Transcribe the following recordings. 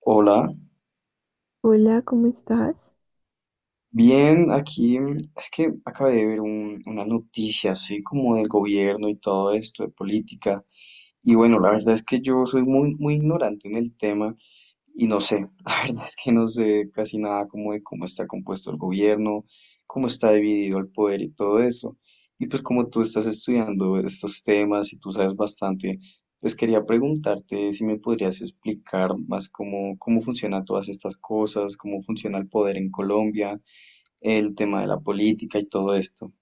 Hola, Hola, ¿cómo estás? bien, aquí es que acabé de ver una noticia así como del gobierno y todo esto, de política. Y bueno, la verdad es que yo soy muy, muy ignorante en el tema. Y no sé, la verdad es que no sé casi nada como de cómo está compuesto el gobierno, cómo está dividido el poder y todo eso. Y pues como tú estás estudiando estos temas y tú sabes bastante, pues quería preguntarte si me podrías explicar más cómo, cómo funcionan todas estas cosas, cómo funciona el poder en Colombia, el tema de la política y todo esto.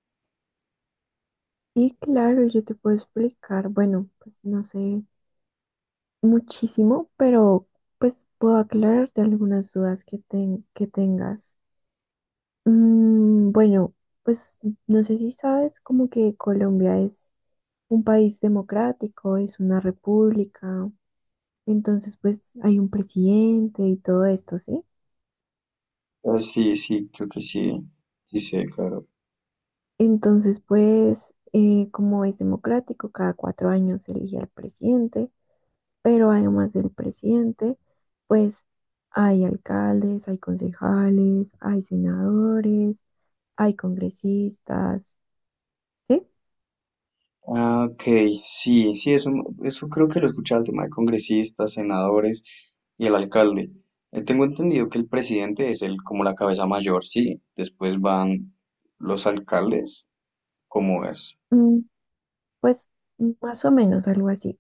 Sí, claro, yo te puedo explicar, bueno, pues no sé muchísimo, pero pues puedo aclararte algunas dudas que tengas. Bueno, pues no sé si sabes como que Colombia es un país democrático, es una república, entonces pues hay un presidente y todo esto, ¿sí? Ah, sí, sí, creo que sí, sí sé, claro. Entonces pues como es democrático, cada 4 años se elige al presidente. Pero además del presidente, pues hay alcaldes, hay concejales, hay senadores, hay congresistas, ¿sí? Ah, ok, sí, sí, eso creo que lo escuché al tema de congresistas, senadores y el alcalde. Tengo entendido que el presidente es el como la cabeza mayor, sí, después van los alcaldes, ¿cómo es? Mm, Pues más o menos algo así.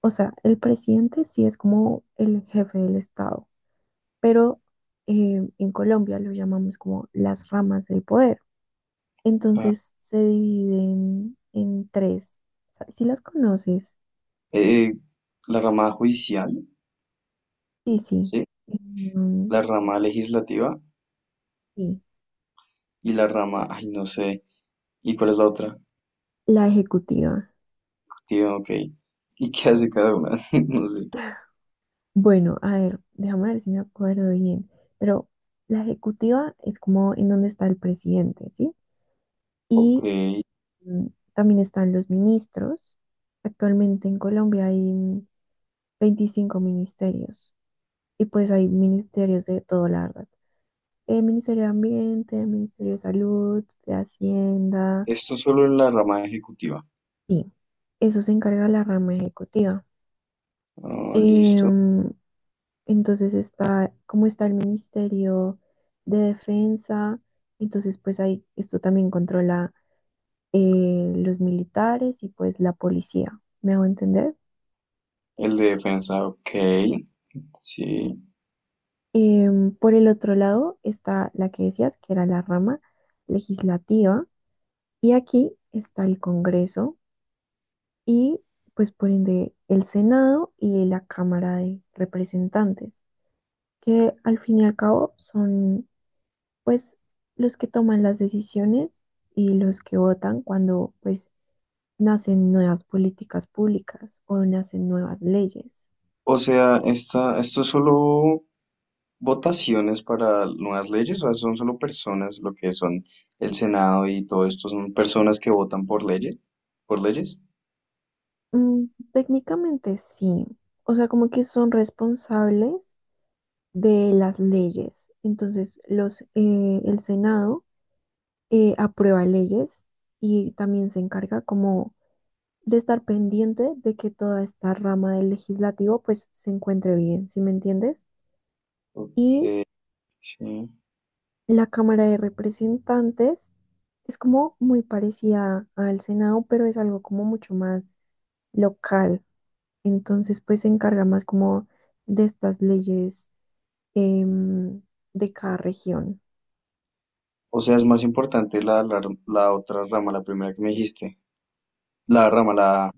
O sea, el presidente sí es como el jefe del Estado, pero en Colombia lo llamamos como las ramas del poder. Ah, Entonces se dividen en tres. ¿Si las conoces? eh, la rama judicial, Sí, sí. sí, Em, la rama legislativa sí. y la rama, ay, no sé, ¿y cuál es la otra? La ejecutiva. Tío, ok, ¿y qué hace cada una? No sé, Bueno, a ver, déjame ver si me acuerdo bien, pero la ejecutiva es como en donde está el presidente, ¿sí? ok, Y mm, también están los ministros. Actualmente en Colombia hay 25 ministerios y pues hay ministerios de todo, la verdad. El Ministerio de Ambiente, el Ministerio de Salud, de Hacienda, esto solo en la rama ejecutiva. sí, eso se encarga la rama ejecutiva. Ah, listo. Em, Entonces está, como está el Ministerio de Defensa, entonces pues ahí esto también controla los militares y pues la policía, ¿me hago entender? El de defensa, ok. Sí. Por el otro lado está la que decías, que era la rama legislativa, y aquí está el Congreso y pues por ende el Senado y la Cámara de Representantes, que al fin y al cabo son pues los que toman las decisiones y los que votan cuando pues nacen nuevas políticas públicas o nacen nuevas leyes. O sea, esta, esto es solo votaciones para nuevas leyes, o sea, son solo personas, lo que son el Senado y todo esto, son personas que votan por leyes, por leyes. Mm, Técnicamente sí, o sea, como que son responsables de las leyes. Entonces, el Senado aprueba leyes y también se encarga como de estar pendiente de que toda esta rama del legislativo pues se encuentre bien, ¿sí me entiendes? Ok, Y sí. la Cámara de Representantes es como muy parecida al Senado, pero es algo como mucho más local. Entonces, pues se encarga más como de estas leyes em, de cada región. O sea, es más importante la, la, la otra rama, la primera que me dijiste. La rama, la,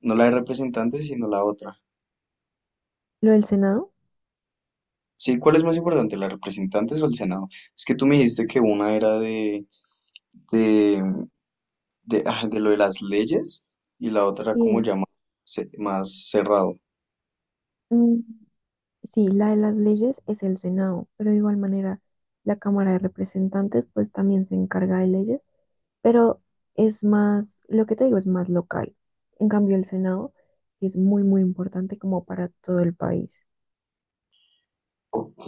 no la de representantes, sino la otra. Lo del Senado, Sí, ¿cuál es más importante, la de representantes o el Senado? Es que tú me dijiste que una era de, de, ah, de lo de las leyes y la otra era como sí, ya más, más cerrado. mm, sí, la de las leyes es el Senado, pero de igual manera la Cámara de Representantes pues también se encarga de leyes, pero es más, lo que te digo es más local. En cambio, el Senado es muy, muy importante como para todo el país. Ok,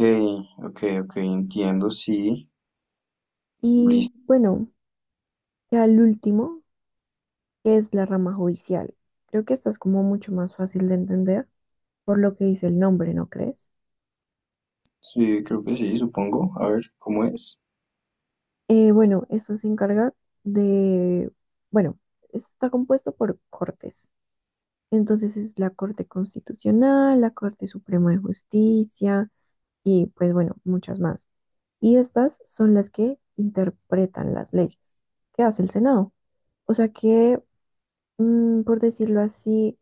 ok, ok, entiendo, sí. Y Listo, bueno, ya el último, que es la rama judicial. Creo que esta es como mucho más fácil de entender por lo que dice el nombre, ¿no crees? sí, creo que sí, supongo. A ver, ¿cómo es? Bueno, esta se encarga de, bueno, está compuesto por cortes. Entonces es la Corte Constitucional, la Corte Suprema de Justicia y pues bueno, muchas más. Y estas son las que interpretan las leyes que hace el Senado. O sea que, por decirlo así,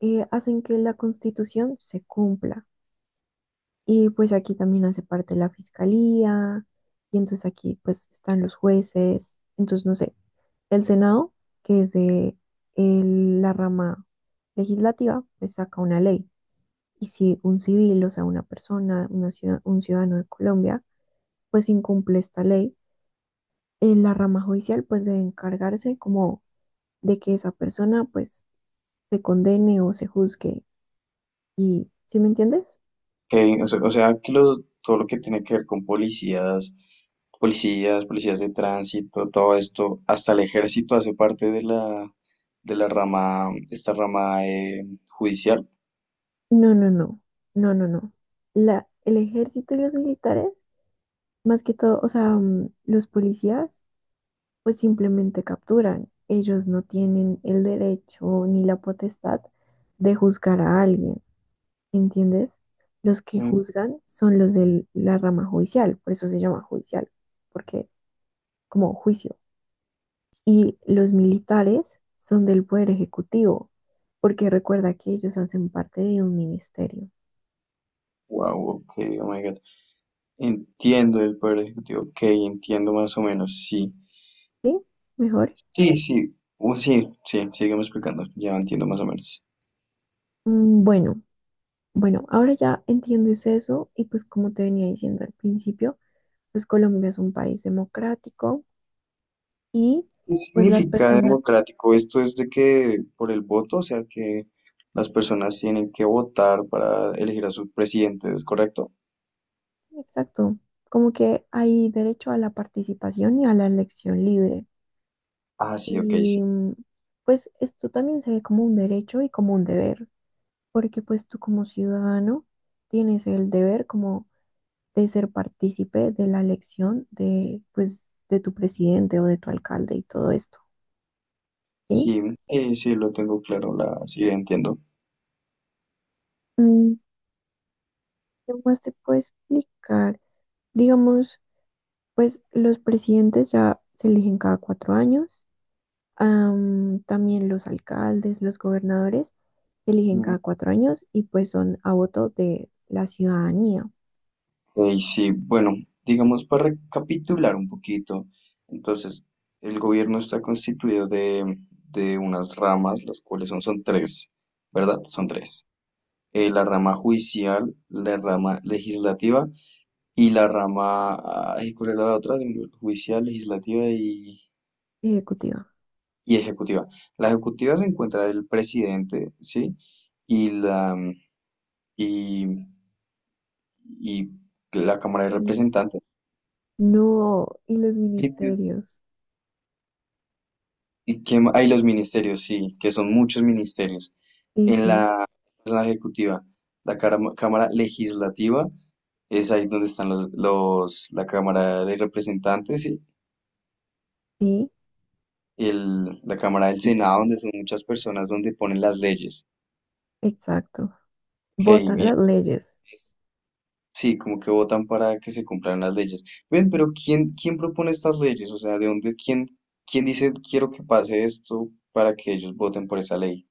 hacen que la Constitución se cumpla. Y pues aquí también hace parte la Fiscalía, y entonces aquí pues están los jueces. Entonces, no sé, el Senado, que es de la rama legislativa, pues saca una ley. Y si un civil, o sea, una persona, un ciudadano de Colombia, pues incumple esta ley, la rama judicial pues debe encargarse como de que esa persona pues se condene o se juzgue. ¿Y si me entiendes? Ok, o sea que todo lo que tiene que ver con policías, policías, policías de tránsito, todo esto, hasta el ejército hace parte de la rama, esta rama judicial. No, no, no, no, no, no. El ejército y los militares, más que todo, o sea, los policías pues simplemente capturan. Ellos no tienen el derecho ni la potestad de juzgar a alguien, ¿entiendes? Los que juzgan son los de la rama judicial, por eso se llama judicial, porque como juicio. Y los militares son del poder ejecutivo, porque recuerda que ellos hacen parte de un ministerio. Wow, ok, oh my God. Entiendo el poder ejecutivo, ok, entiendo más o menos, sí. ¿Sí? Mejor. Sí, sí, sí, sí, sígueme explicando, ya entiendo más o menos. Bueno, bueno, ahora ya entiendes eso y pues como te venía diciendo al principio, pues Colombia es un país democrático y ¿Qué pues las significa personas, democrático? Esto es de que por el voto, o sea que las personas tienen que votar para elegir a sus presidentes, ¿es correcto? exacto, como que hay derecho a la participación y a la elección libre. Ah, sí, ok, Y sí. Pues esto también se ve como un derecho y como un deber. Porque pues tú como ciudadano tienes el deber como de ser partícipe de la elección de pues de tu presidente o de tu alcalde y todo esto, ¿sí? Sí, sí, lo tengo claro, la, sí, entiendo. Mm, ¿Qué más te puedo explicar? Digamos, pues los presidentes ya se eligen cada 4 años, también los alcaldes, los gobernadores se eligen Mm. cada 4 años y pues son a voto de la ciudadanía, Sí, bueno, digamos para recapitular un poquito, entonces el gobierno está constituido de unas ramas, las cuales son, son tres, ¿verdad? Son sí, tres. Eh, la rama judicial, la rama legislativa y la rama, ay, ¿cuál era la otra? Judicial, legislativa ejecutiva. y ejecutiva. La ejecutiva se encuentra el presidente, ¿sí? Y la, y, y la Cámara de Y Representantes. no, y los Y, ministerios. y qué hay los ministerios, sí, que son muchos ministerios. Sí, En sí, la, en la ejecutiva, la Cámara Legislativa, es ahí donde están los, la Cámara de Representantes, ¿sí? sí, La Cámara del y- Senado, donde son muchas personas donde ponen las leyes. exacto. Hey, Votan bien. las leyes. Sí, como que votan para que se cumplan las leyes. Ven, pero ¿quién, quién propone estas leyes? O sea, ¿de dónde, quién, quién dice quiero que pase esto para que ellos voten por esa ley?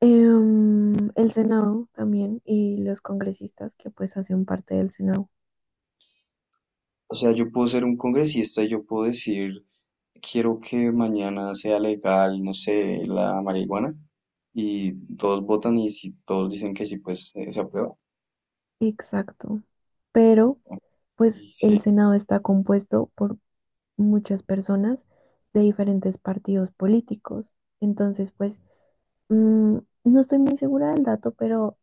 El Senado también y los congresistas que pues hacen parte del Senado. O sea, yo puedo ser un congresista y yo puedo decir quiero que mañana sea legal, no sé, la marihuana. Y todos votan y si todos dicen que sí, pues se aprueba. Exacto. Pero pues Y el sí, Senado está compuesto por muchas personas de diferentes partidos políticos. Entonces pues mm, no estoy muy segura del dato, pero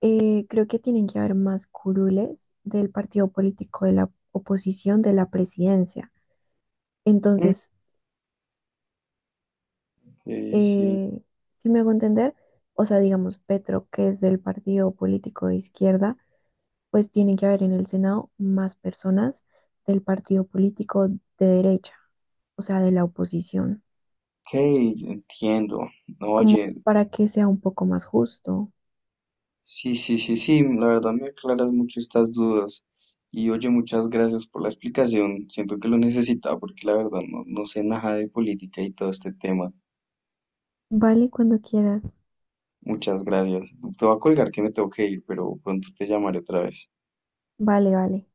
creo que tienen que haber más curules del partido político de la oposición de la presidencia. ok, Entonces sí. eh, si me hago entender, o sea, digamos, Petro, que es del partido político de izquierda, pues tiene que haber en el Senado más personas del partido político de derecha, o sea, de la oposición, Ok, entiendo. como Oye, para que sea un poco más justo. sí, sí, sí, sí, la verdad me aclaras mucho estas dudas. Y oye, muchas gracias por la explicación. Siento que lo necesitaba porque la verdad no, no sé nada de política y todo este tema. Vale, cuando quieras. Muchas gracias. Te voy a colgar que me tengo que ir, pero pronto te llamaré otra vez. Vale, vale.